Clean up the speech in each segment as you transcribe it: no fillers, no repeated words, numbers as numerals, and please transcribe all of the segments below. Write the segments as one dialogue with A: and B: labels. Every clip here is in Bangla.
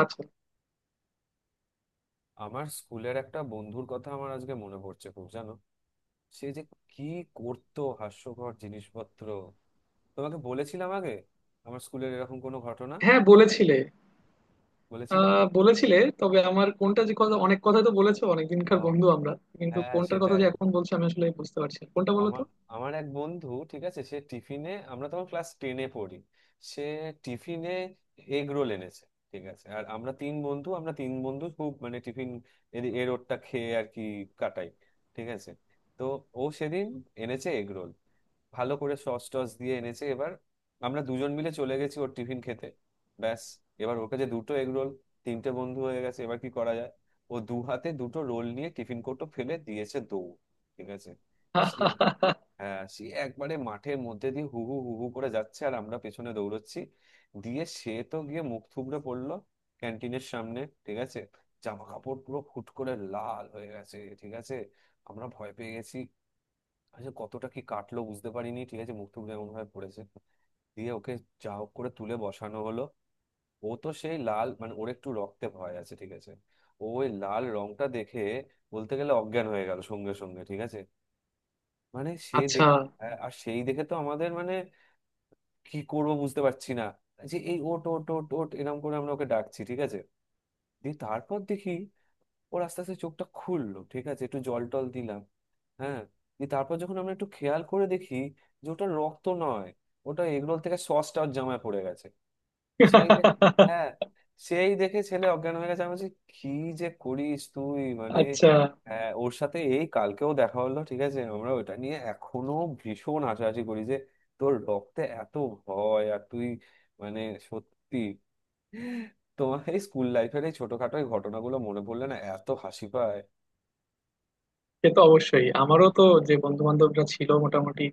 A: আচ্ছা।
B: আমার স্কুলের একটা বন্ধুর কথা আমার আজকে মনে পড়ছে খুব, জানো। সে যে কি করতো হাস্যকর জিনিসপত্র! তোমাকে বলেছিলাম আগে আমার স্কুলের এরকম কোনো ঘটনা।
A: হ্যাঁ বলেছিলে।
B: বলেছিলাম।
A: আহ বলেছিলে, তবে আমার কোনটা যে কথা, অনেক কথা তো বলেছো, অনেকদিনকার
B: আহ,
A: বন্ধু আমরা। কিন্তু
B: হ্যাঁ হ্যাঁ,
A: কোনটার কথা যে
B: সেটাই।
A: এখন বলছি আমি আসলে বুঝতে পারছি না। কোনটা বলো
B: আমার
A: তো।
B: আমার এক বন্ধু, ঠিক আছে, সে টিফিনে, আমরা তখন ক্লাস টেনে পড়ি, সে টিফিনে এগ রোল এনেছে, ঠিক আছে। আর আমরা তিন বন্ধু, আমরা তিন বন্ধু খুব মানে টিফিন এর রোলটা খেয়ে আর কি কাটাই, ঠিক আছে। তো ও সেদিন এনেছে এগ রোল, ভালো করে সস টস দিয়ে এনেছে। এবার আমরা দুজন মিলে চলে গেছি ওর টিফিন খেতে। ব্যাস, এবার ওর কাছে দুটো এগ রোল, তিনটে বন্ধু হয়ে গেছে, এবার কি করা যায়। ও দু হাতে দুটো রোল নিয়ে টিফিন কোটো ফেলে দিয়েছে দৌড়, ঠিক আছে। সে, হ্যাঁ, সে একবারে মাঠের মধ্যে দিয়ে হু হু হু হু করে যাচ্ছে, আর আমরা পেছনে দৌড়চ্ছি। দিয়ে সে তো গিয়ে মুখ থুবড়ে পড়লো ক্যান্টিনের সামনে, ঠিক আছে। জামা কাপড় পুরো ফুট করে লাল হয়ে গেছে, ঠিক আছে। আমরা ভয় পেয়ে গেছি। আচ্ছা, কতটা কি কাটলো বুঝতে পারিনি, ঠিক আছে, মুখ টুক এমন ভাবে পড়েছে। দিয়ে ওকে যা হোক করে তুলে বসানো হলো। ও তো সেই লাল, মানে ওর একটু রক্তে ভয় আছে, ঠিক আছে। ও ওই লাল রংটা দেখে বলতে গেলে অজ্ঞান হয়ে গেল সঙ্গে সঙ্গে, ঠিক আছে। মানে সে
A: আচ্ছা
B: দেখে, আর সেই দেখে তো আমাদের মানে কি করব বুঝতে পারছি না। যে এই ওট ওট ওট ওট এরকম করে আমরা ওকে ডাকছি, ঠিক আছে। দিয়ে তারপর দেখি ওর আস্তে আস্তে চোখটা খুললো, ঠিক আছে, একটু জল টল দিলাম। হ্যাঁ। দিয়ে তারপর যখন আমরা একটু খেয়াল করে দেখি যে ওটা রক্ত নয়, ওটা এগরোল থেকে সসটা ওর জামায় পড়ে গেছে। সেই দেখে, হ্যাঁ, সেই দেখে ছেলে অজ্ঞান হয়ে গেছে। আমি বলছি কি যে করিস তুই মানে।
A: আচ্ছা।
B: হ্যাঁ, ওর সাথে এই কালকেও দেখা হলো, ঠিক আছে, আমরা ওটা নিয়ে এখনো ভীষণ হাসাহাসি করি যে তোর রক্তে এত ভয় আর তুই মানে সত্যি। তোমার এই স্কুল লাইফের এই ছোটখাটো এই ঘটনাগুলো মনে পড়লে না, এত হাসি পায়।
A: সে তো অবশ্যই, আমারও তো যে বন্ধু বান্ধবরা ছিল মোটামুটি,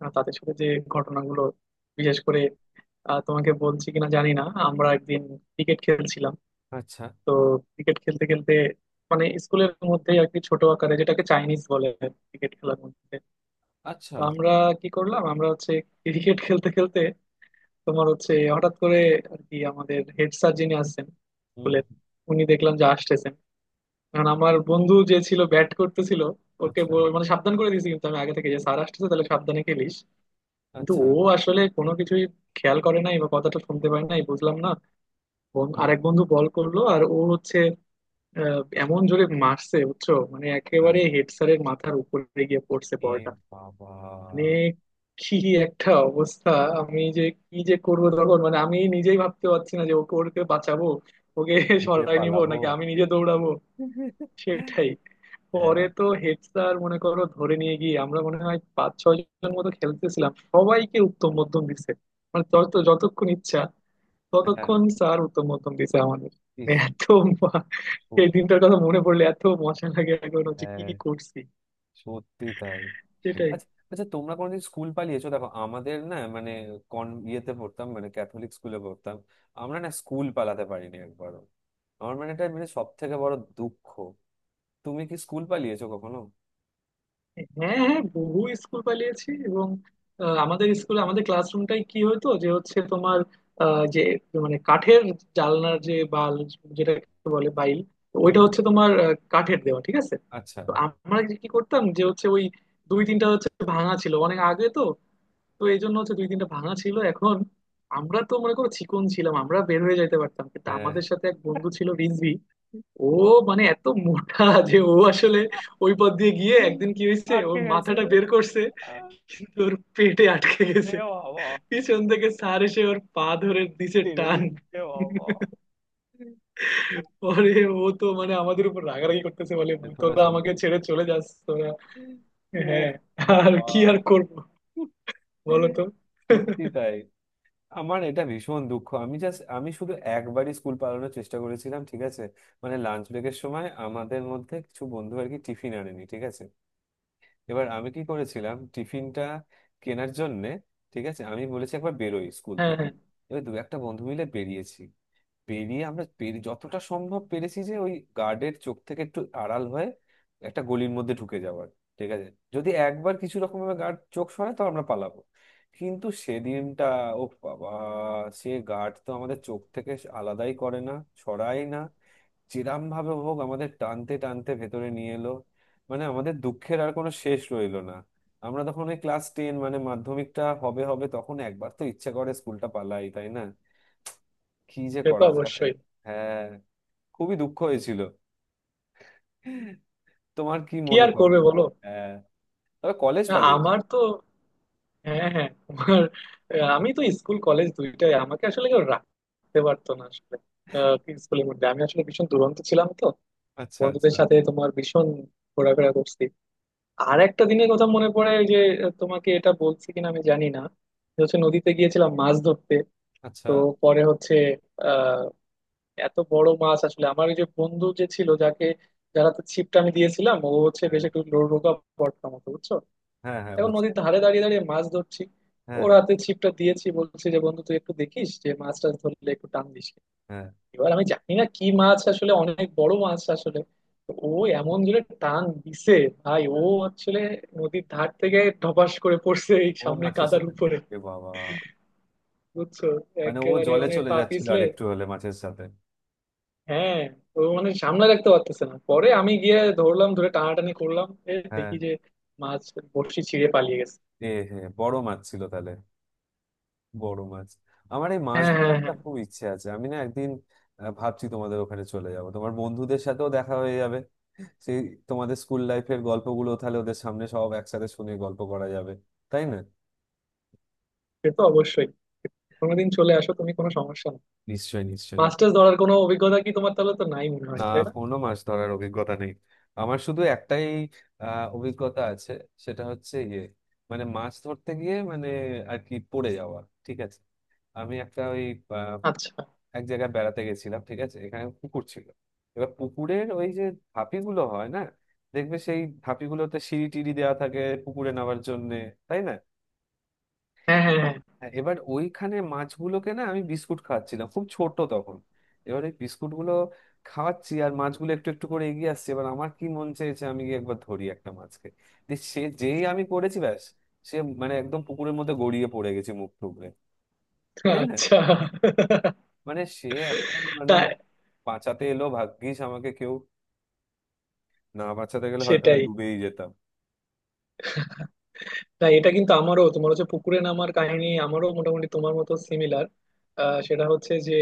A: তাদের সাথে যে ঘটনাগুলো, বিশেষ করে, তোমাকে বলছি কিনা জানি না। আমরা একদিন ক্রিকেট খেলছিলাম।
B: আচ্ছা
A: তো ক্রিকেট খেলতে খেলতে মানে স্কুলের মধ্যে আর কি, ছোট আকারে, যেটাকে চাইনিজ বলে ক্রিকেট খেলার মধ্যে।
B: আচ্ছা।
A: তো আমরা কি করলাম, আমরা হচ্ছে ক্রিকেট খেলতে খেলতে তোমার হচ্ছে হঠাৎ করে আর কি, আমাদের হেড স্যার যিনি আসছেন
B: হুম।
A: স্কুলের, উনি দেখলাম যে আসতেছেন। কারণ আমার বন্ধু যে ছিল ব্যাট করতেছিল, ওকে
B: আচ্ছা
A: মানে সাবধান করে দিয়েছি কিন্তু আমি আগে থেকে, যে স্যার আসতেছে, তাহলে সাবধানে খেলিস। কিন্তু
B: আচ্ছা।
A: ও আসলে কোনো কিছুই খেয়াল করে নাই, বা কথাটা শুনতে পারে নাই বুঝলাম না।
B: হুম।
A: আরেক বন্ধু বল করলো আর ও হচ্ছে এমন জোরে মারছে, বুঝছো, মানে
B: আহ,
A: একেবারে হেড স্যারের মাথার উপরে গিয়ে পড়ছে
B: এ
A: বলটা।
B: বাবা!
A: মানে কি একটা অবস্থা! আমি যে কি যে করব তখন, মানে আমি নিজেই ভাবতে পারছি না যে ওকে ওকে বাঁচাবো, ওকে
B: যে
A: সরায় নিব
B: পালাবো।
A: নাকি আমি নিজে দৌড়াবো। সেটাই। পরে
B: হ্যাঁ
A: তো হেড স্যার মনে করো ধরে নিয়ে গিয়ে, আমরা মনে হয় পাঁচ ছয় জন মতো খেলতেছিলাম, সবাইকে উত্তম মধ্যম দিছে। মানে যত যতক্ষণ ইচ্ছা
B: হ্যাঁ।
A: ততক্ষণ স্যার উত্তম মধ্যম দিছে আমাদের। মানে
B: ইস।
A: এত মা- এই
B: সত-
A: দিনটার কথা মনে পড়লে এত মজা লাগে এখন, হচ্ছে কি
B: হ্যাঁ,
A: কি করছি।
B: সত্যি তাই।
A: সেটাই।
B: আচ্ছা আচ্ছা, তোমরা কোনোদিন স্কুল পালিয়েছো? দেখো, আমাদের না, মানে কন ইয়েতে পড়তাম, মানে ক্যাথলিক স্কুলে পড়তাম, আমরা না স্কুল পালাতে পারিনি একবারও। আমার মানে এটা মানে সব থেকে বড় দুঃখ। তুমি কি স্কুল পালিয়েছো কখনো?
A: হ্যাঁ হ্যাঁ বহু স্কুল পালিয়েছি। এবং আমাদের স্কুলে আমাদের ক্লাসরুমটাই কি হতো যে হচ্ছে তোমার যে মানে কাঠের জানলার যে বাল, যেটাকে বলে বাইল, তো
B: হুম।
A: ওইটা হচ্ছে তোমার কাঠের দেওয়া, ঠিক আছে।
B: আচ্ছা।
A: তো আমরা যে কি করতাম যে হচ্ছে ওই দুই তিনটা হচ্ছে ভাঙা ছিল অনেক আগে তো, তো এই জন্য হচ্ছে দুই তিনটা ভাঙা ছিল এখন। আমরা তো মনে করো চিকন ছিলাম, আমরা বের হয়ে যাইতে পারতাম, কিন্তু
B: হ্যাঁ,
A: আমাদের সাথে এক বন্ধু ছিল রিজভি। ও মানে এত মোটা যে ও আসলে ওই পথ দিয়ে গিয়ে একদিন কি হয়েছে, ওর
B: আটকে গেছে।
A: মাথাটা বের করছে
B: আহ,
A: কিন্তু ওর পেটে আটকে
B: এ
A: গেছে।
B: বাবা!
A: পিছন থেকে স্যার এসে ওর পা ধরে দিছে
B: টেনে
A: টান।
B: দিন। এ বাবা!
A: পরে ও তো মানে আমাদের উপর রাগারাগি করতেছে বলে,
B: যে তোরা
A: তোরা
B: চলে
A: আমাকে
B: গেলি।
A: ছেড়ে চলে যাস তোরা।
B: ও
A: হ্যাঁ। আর
B: বাবা!
A: কি আর করবো বলো তো।
B: সত্যি তাই। আমার এটা ভীষণ দুঃখ, আমি জাস্ট, আমি শুধু একবারই স্কুল পালানোর চেষ্টা করেছিলাম, ঠিক আছে। মানে লাঞ্চ ব্রেকের সময় আমাদের মধ্যে কিছু বন্ধু আর কি টিফিন আনেনি, ঠিক আছে। এবার আমি কি করেছিলাম, টিফিনটা কেনার জন্যে, ঠিক আছে, আমি বলেছি একবার বেরোই স্কুল
A: হ্যাঁ
B: থেকে।
A: হ্যাঁ।
B: এবার দু একটা বন্ধু মিলে বেরিয়েছি, বেরিয়ে আমরা পেরে যতটা সম্ভব পেরেছি যে ওই গার্ডের চোখ থেকে একটু আড়াল হয়ে একটা গলির মধ্যে ঢুকে যাওয়ার, ঠিক আছে। যদি একবার কিছু রকম ভাবে গার্ড চোখ সরায় তো আমরা পালাবো। কিন্তু সেদিনটা, ও বাবা, সে গার্ড তো আমাদের চোখ থেকে আলাদাই করে না, সরায় না। চিরাম ভাবে হোক আমাদের টানতে টানতে ভেতরে নিয়ে এলো। মানে আমাদের দুঃখের আর কোনো শেষ রইলো না। আমরা তখন ওই ক্লাস টেন, মানে মাধ্যমিকটা হবে হবে, তখন একবার তো ইচ্ছে করে স্কুলটা পালাই, তাই না। কি যে
A: সে তো
B: করা যায়।
A: অবশ্যই।
B: হ্যাঁ, খুবই দুঃখ হয়েছিল। তোমার কি
A: কি
B: মনে
A: আর
B: পড়ে
A: করবে
B: না?
A: বলো।
B: হ্যাঁ, তবে কলেজ
A: না
B: পালিয়েছি।
A: আমার তো, হ্যাঁ হ্যাঁ তোমার, আমি তো স্কুল কলেজ দুইটাই আমাকে আসলে কেউ রাখতে পারতো না আসলে। কি স্কুলের মধ্যে আমি আসলে ভীষণ দুরন্ত ছিলাম তো,
B: আচ্ছা
A: বন্ধুদের
B: আচ্ছা।
A: সাথে তোমার ভীষণ ঘোরাফেরা করছি। আর একটা দিনের কথা মনে পড়ে ওই যে, তোমাকে এটা বলছি কিনা আমি জানি না, যে হচ্ছে নদীতে গিয়েছিলাম মাছ ধরতে।
B: আচ্ছা।
A: তো পরে হচ্ছে আহ এত বড় মাছ আসলে, আমার ওই যে বন্ধু যে ছিল যাকে যারা তো ছিপটা আমি দিয়েছিলাম, ও হচ্ছে
B: হ্যাঁ
A: বেশ একটু রোগা পড়তাম মতো, বুঝছো।
B: হ্যাঁ হ্যাঁ,
A: এখন
B: বুঝছি।
A: নদীর ধারে দাঁড়িয়ে দাঁড়িয়ে মাছ ধরছি,
B: হ্যাঁ।
A: ওর হাতে ছিপটা দিয়েছি, বলছে যে বন্ধু তুই একটু দেখিস, যে মাছ টাছ ধরলে একটু টান দিস।
B: হ্যাঁ।
A: এবার আমি জানি না কি মাছ আসলে, অনেক বড় মাছ আসলে। তো ও এমন জোরে টান দিছে ভাই, ও আসলে নদীর ধার থেকে ধপাস করে পড়ছে এই
B: ও
A: সামনে
B: মাছের
A: কাদার
B: সাথে,
A: উপরে,
B: এ বাবা!
A: বুঝছো,
B: মানে ও
A: একেবারে
B: জলে
A: মানে
B: চলে
A: পা
B: যাচ্ছিল,
A: পিছলে।
B: আর একটু হলে মাছের সাথে।
A: হ্যাঁ। ও মানে সামনে রাখতে পারতেছে না, পরে আমি গিয়ে ধরলাম, ধরে টানাটানি করলাম, এ
B: হ্যাঁ।
A: দেখি যে মাছ বড়শি ছিঁড়ে পালিয়ে গেছে।
B: এ হে, বড় মাছ ছিল তাহলে, বড় মাছ। আমার এই মাছ
A: হ্যাঁ
B: ধরার
A: হ্যাঁ
B: একটা
A: হ্যাঁ।
B: খুব ইচ্ছে আছে, আমি না একদিন, ভাবছি তোমাদের ওখানে চলে যাব, তোমার বন্ধুদের সাথেও দেখা হয়ে যাবে, সেই তোমাদের স্কুল লাইফের গল্পগুলো তাহলে ওদের সামনে সব একসাথে শুনে গল্প করা যাবে, তাই না।
A: সে তো অবশ্যই, কোনোদিন চলে আসো তুমি, কোনো সমস্যা না।
B: নিশ্চয়ই নিশ্চয়ই।
A: মাস্টার্স ধরার কোনো অভিজ্ঞতা কি তোমার, তাহলে তো নাই মনে হয়
B: না,
A: তাই না?
B: কোনো মাছ ধরার অভিজ্ঞতা নেই। আমার শুধু একটাই অভিজ্ঞতা আছে, সেটা হচ্ছে ইয়ে, মানে মাছ ধরতে গিয়ে মানে আর কি পড়ে যাওয়া, ঠিক আছে। আমি একটা ওই
A: আচ্ছা।
B: এক জায়গায় বেড়াতে গেছিলাম, ঠিক আছে, এখানে পুকুর ছিল। এবার পুকুরের ওই যে ধাপিগুলো হয় না, দেখবে সেই ধাপিগুলোতে সিঁড়ি টিড়ি দেওয়া থাকে পুকুরে নামার জন্য, তাই না।
A: হ্যাঁ হ্যাঁ হ্যাঁ।
B: হ্যাঁ, এবার ওইখানে মাছগুলোকে না আমি বিস্কুট খাওয়াচ্ছিলাম, খুব ছোট তখন। এবার ওই বিস্কুটগুলো খাওয়াচ্ছি আর মাছগুলো একটু একটু করে এগিয়ে আসছে, এবার আমার কি মন চেয়েছে আমি গিয়ে একবার ধরি একটা মাছকে। দিয়ে সে যেই আমি করেছি, ব্যাস, সে মানে একদম পুকুরের মধ্যে গড়িয়ে পড়ে গেছে মুখ টুকরে, তাই না।
A: আচ্ছা।
B: মানে সে এখন মানে
A: তাই।
B: বাঁচাতে এলো ভাগ্যিস আমাকে কেউ, না বাঁচাতে গেলে হয়তো আমি
A: সেটাই।
B: ডুবেই যেতাম।
A: না এটা কিন্তু আমারও, তোমার হচ্ছে পুকুরে নামার কাহিনী আমারও মোটামুটি তোমার মতো সিমিলার। সেটা হচ্ছে যে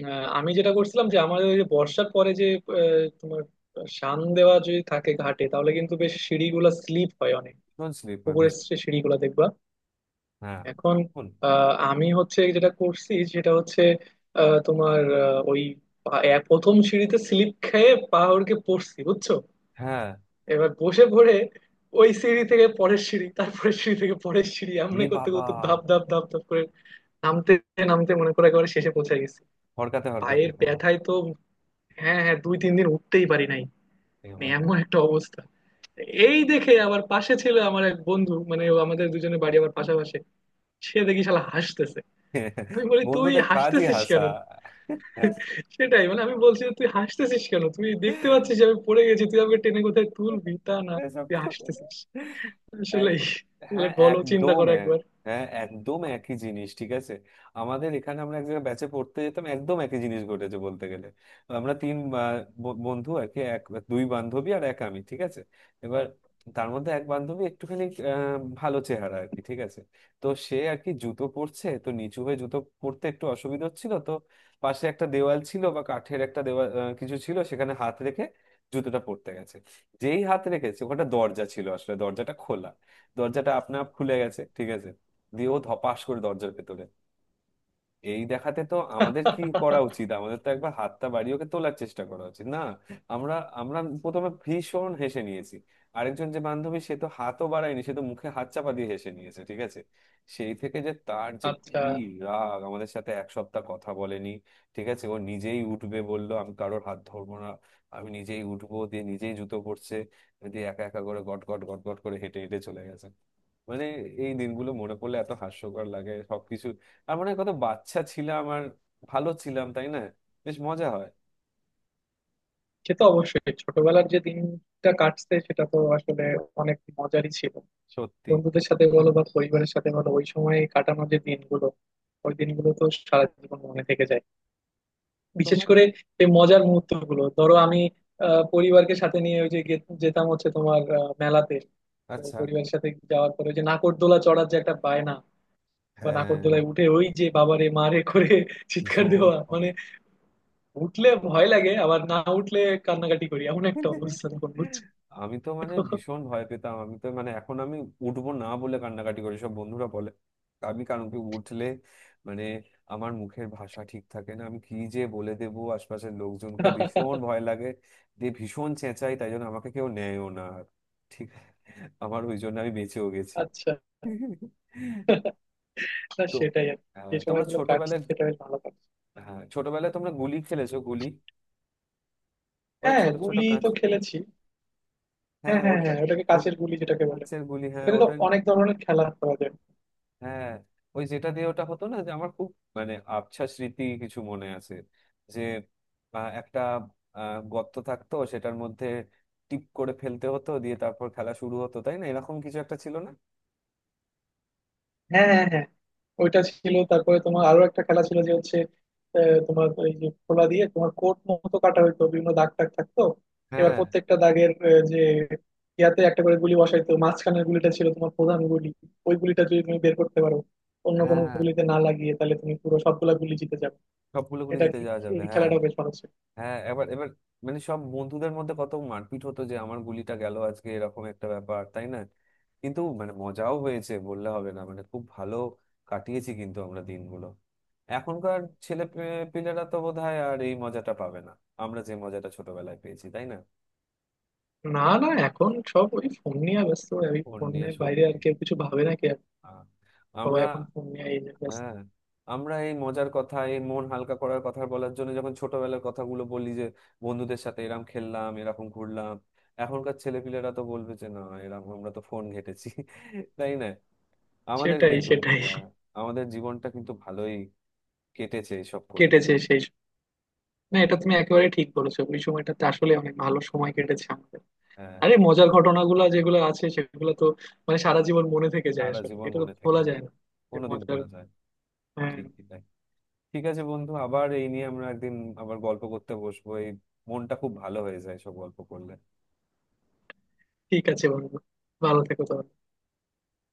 A: আমি যেটা করছিলাম, যে আমাদের ওই যে বর্ষার পরে যে তোমার শান দেওয়া যদি থাকে ঘাটে, তাহলে কিন্তু বেশ সিঁড়িগুলা স্লিপ হয় অনেক,
B: ভীষণ স্লিপ, ভাগ্যিস।
A: পুকুরের সে সিঁড়িগুলা দেখবা।
B: হ্যাঁ।
A: এখন
B: শোন,
A: আমি হচ্ছে যেটা করছি সেটা হচ্ছে তোমার ওই প্রথম সিঁড়িতে স্লিপ খেয়ে পা হড়কে পড়ছি, বুঝছো।
B: হ্যাঁ।
A: এবার বসে পড়ে ওই সিঁড়ি থেকে পরের সিঁড়ি, তারপরে সিঁড়ি থেকে পরের সিঁড়ি,
B: এ
A: এমনি করতে
B: বাবা!
A: করতে ধাপ ধাপ ধাপ ধাপ করে নামতে নামতে মনে করে একেবারে শেষে পৌঁছে গেছি।
B: হরকাতে হরকাতে,
A: পায়ের
B: এ বাবা!
A: ব্যথায় তো হ্যাঁ হ্যাঁ দুই তিন দিন উঠতেই পারি নাই।
B: এ
A: মানে
B: বাবা!
A: এমন একটা অবস্থা! এই দেখে আবার পাশে ছিল আমার এক বন্ধু, মানে ও আমাদের দুজনের বাড়ি আবার পাশাপাশি, সে দেখি শালা হাসতেছে। আমি বলি তুই
B: বন্ধুদের কাজই
A: হাসতেছিস
B: হাসা।
A: কেন? সেটাই মানে আমি বলছি যে, তুই হাসতেছিস কেন, তুই দেখতে পাচ্ছিস যে আমি পড়ে গেছি, তুই আমাকে টেনে কোথায় তুলবি তা না,
B: এসব
A: তুই
B: তো
A: হাসতেছিস!
B: এক,
A: আসলেই তাহলে
B: হ্যাঁ,
A: বলো, চিন্তা
B: একদম
A: করো
B: এক,
A: একবার।
B: হ্যাঁ একদম একই জিনিস, ঠিক আছে। আমাদের এখানে আমরা এক জায়গায় ব্যাচে পড়তে যেতাম, একদম একই জিনিস ঘটেছে বলতে গেলে। আমরা তিন, আহ, বন্ধু আর কি, এক দুই বান্ধবী আর এক আমি, ঠিক আছে। এবার তার মধ্যে এক বান্ধবী একটুখানি ভালো চেহারা আর কি, ঠিক আছে। তো সে আর কি জুতো পরছে, তো নিচু হয়ে জুতো পরতে একটু অসুবিধা হচ্ছিল, তো পাশে একটা দেওয়াল ছিল বা কাঠের একটা দেওয়াল কিছু ছিল, সেখানে হাত রেখে জুতোটা পরতে গেছে। যেই হাত রেখেছে, ওখানে দরজা ছিল আসলে, দরজাটা খোলা, দরজাটা আপনা আপ খুলে গেছে, ঠিক আছে। দিয়ে ও ধপাস করে দরজার ভেতরে। এই দেখাতে তো আমাদের কি করা উচিত, আমাদের তো একবার হাতটা বাড়িয়ে ওকে তোলার চেষ্টা করা উচিত না? আমরা আমরা প্রথমে ভীষণ হেসে নিয়েছি। আরেকজন যে বান্ধবী সে তো হাতও বাড়ায়নি, সে তো মুখে হাত চাপা দিয়ে হেসে নিয়েছে, ঠিক আছে। সেই থেকে যে তার যে
A: আচ্ছা।
B: কি রাগ, আমাদের সাথে এক সপ্তাহ কথা বলেনি, ঠিক আছে। ও নিজেই উঠবে বললো, আমি কারোর হাত ধরবো না, আমি নিজেই উঠবো, দিয়ে নিজেই জুতো পরছে, দিয়ে একা একা করে গট গট গট গট করে হেঁটে হেঁটে চলে গেছে। মানে এই দিনগুলো মনে পড়লে এত হাস্যকর লাগে সবকিছু, আর মনে হয় কত বাচ্চা ছিলাম আর ভালো ছিলাম, তাই না, বেশ মজা হয়।
A: সে তো অবশ্যই, ছোটবেলার যে দিনটা কাটছে সেটা তো আসলে অনেক মজারই ছিল।
B: সত্যি।
A: বন্ধুদের সাথে বলো বা পরিবারের সাথে বলো, ওই সময় কাটানো যে দিনগুলো, ওই দিনগুলো তো সারা জীবন মনে থেকে যায়। বিশেষ
B: তোমার।
A: করে এই মজার মুহূর্ত গুলো, ধরো আমি পরিবারকে সাথে নিয়ে ওই যে যেতাম হচ্ছে তোমার মেলাতে। তো
B: আচ্ছা।
A: পরিবারের সাথে যাওয়ার পরে ওই যে নাকরদোলা চড়ার যে একটা বায়না, বা
B: হ্যাঁ।
A: নাকরদোলায় উঠে ওই যে বাবারে মারে করে চিৎকার
B: ভীষণ।
A: দেওয়া, মানে উঠলে ভয় লাগে আবার না উঠলে কান্নাকাটি করি, এমন একটা অবস্থা তখন, বুঝছো।
B: আমি তো মানে ভীষণ ভয় পেতাম, আমি তো মানে এখন আমি উঠবো না বলে কান্নাকাটি করি, সব বন্ধুরা বলে আমি, কারণ কি, উঠলে মানে আমার মুখের ভাষা ঠিক থাকে না, আমি কি যে বলে দেবো আশপাশের লোকজনকে, ভীষণ ভয় লাগে, দিয়ে ভীষণ চেঁচাই, তাই জন্য আমাকে কেউ নেয়ও না আর। ঠিক আছে, আমার ওই জন্য আমি বেঁচেও গেছি।
A: আচ্ছা। না
B: তো
A: সেটাই আর কি। যে
B: তোমরা
A: সময়গুলো কাটছে
B: ছোটবেলায়,
A: সেটা বেশ ভালো কাটছে।
B: হ্যাঁ ছোটবেলায় তোমরা গুলি খেলেছো, গুলি, ওই
A: হ্যাঁ
B: ছোট ছোট
A: গুলি
B: কাঁচ।
A: তো খেলেছি। হ্যাঁ
B: হ্যাঁ
A: হ্যাঁ
B: ওটা,
A: হ্যাঁ ওটাকে কাঁচের
B: ওট-
A: গুলি যেটাকে বলে।
B: কাঁচের গুলি, হ্যাঁ
A: ওটাতে তো
B: ওটা।
A: অনেক ধরনের খেলা করা যায়।
B: হ্যাঁ ওই যেটা দিয়ে, ওটা হতো না যে, আমার খুব মানে আবছা স্মৃতি কিছু মনে আছে যে একটা গর্ত থাকতো, সেটার মধ্যে টিপ করে ফেলতে হতো, দিয়ে তারপর খেলা শুরু হতো, তাই না, এরকম কিছু একটা ছিল না।
A: হ্যাঁ হ্যাঁ হ্যাঁ ওইটা ছিল, তারপরে তোমার আরো একটা খেলা ছিল যে হচ্ছে তোমার এই যে খোলা দিয়ে তোমার কোট মতো কাটা হইতো, বিভিন্ন দাগ টাগ থাকতো। এবার
B: হ্যাঁ।
A: প্রত্যেকটা দাগের যে ইয়াতে একটা করে গুলি বসাইতো, মাঝখানের গুলিটা ছিল তোমার প্রধান গুলি। ওই গুলিটা যদি তুমি বের করতে পারো অন্য কোনো
B: হ্যাঁ,
A: গুলিতে না লাগিয়ে, তাহলে তুমি পুরো সবগুলা গুলি জিতে যাবে।
B: সবগুলো গুলি
A: এটা
B: জিতে
A: কি,
B: যাওয়া যাবে,
A: এই
B: হ্যাঁ।
A: খেলাটা বেশ ভালো ছিল।
B: হ্যাঁ, এবার এবার মানে সব বন্ধুদের মধ্যে কত মারপিট হতো যে আমার গুলিটা গেল আজকে এরকম একটা ব্যাপার, তাই না। কিন্তু মানে মজাও হয়েছে বললে হবে না, মানে খুব ভালো কাটিয়েছি কিন্তু আমরা দিনগুলো। এখনকার পিলেরা তো বোধহয় আর এই মজাটা পাবে না, আমরা যে মজাটা ছোটবেলায় পেয়েছি, তাই না।
A: না না, এখন সব ওই ফোন নিয়ে ব্যস্ত, ওই
B: ওর নিয়ে
A: ফোনের বাইরে
B: সত্যি।
A: আর কেউ কিছু ভাবে না কি।
B: আহ,
A: সবাই
B: আমরা,
A: এখন ফোন নিয়ে এই যে ব্যস্ত।
B: হ্যাঁ, আমরা এই মজার কথা এই মন হালকা করার কথা বলার জন্য যখন ছোটবেলার কথাগুলো বলি যে বন্ধুদের সাথে এরম খেললাম, এরকম ঘুরলাম, এখনকার ছেলেপিলেরা তো বলবে যে না, এরকম আমরা তো ফোন ঘেঁটেছি। তাই না। আমাদের
A: সেটাই
B: কিন্তু
A: সেটাই।
B: হ্যাঁ, আমাদের জীবনটা কিন্তু ভালোই কেটেছে এইসব করে।
A: কেটেছে সেই, না এটা তুমি একেবারে ঠিক বলেছো, ওই সময়টাতে আসলে অনেক ভালো সময় কেটেছে আমাদের।
B: হ্যাঁ,
A: আরে মজার ঘটনাগুলো যেগুলো আছে সেগুলো তো মানে সারা জীবন মনে থেকে যায়
B: সারা
A: আসলে,
B: জীবন
A: এটা তো
B: মনে থাকে,
A: ভোলা যায় না। যে
B: কোনোদিন
A: মজার,
B: ভোলা যায় না।
A: হ্যাঁ।
B: ঠিকই তাই। ঠিক আছে বন্ধু, আবার এই নিয়ে আমরা একদিন আবার গল্প করতে বসবো, এই মনটা খুব ভালো হয়ে যায় সব গল্প করলে।
A: ঠিক আছে বন্ধু, ভালো থেকো তাহলে।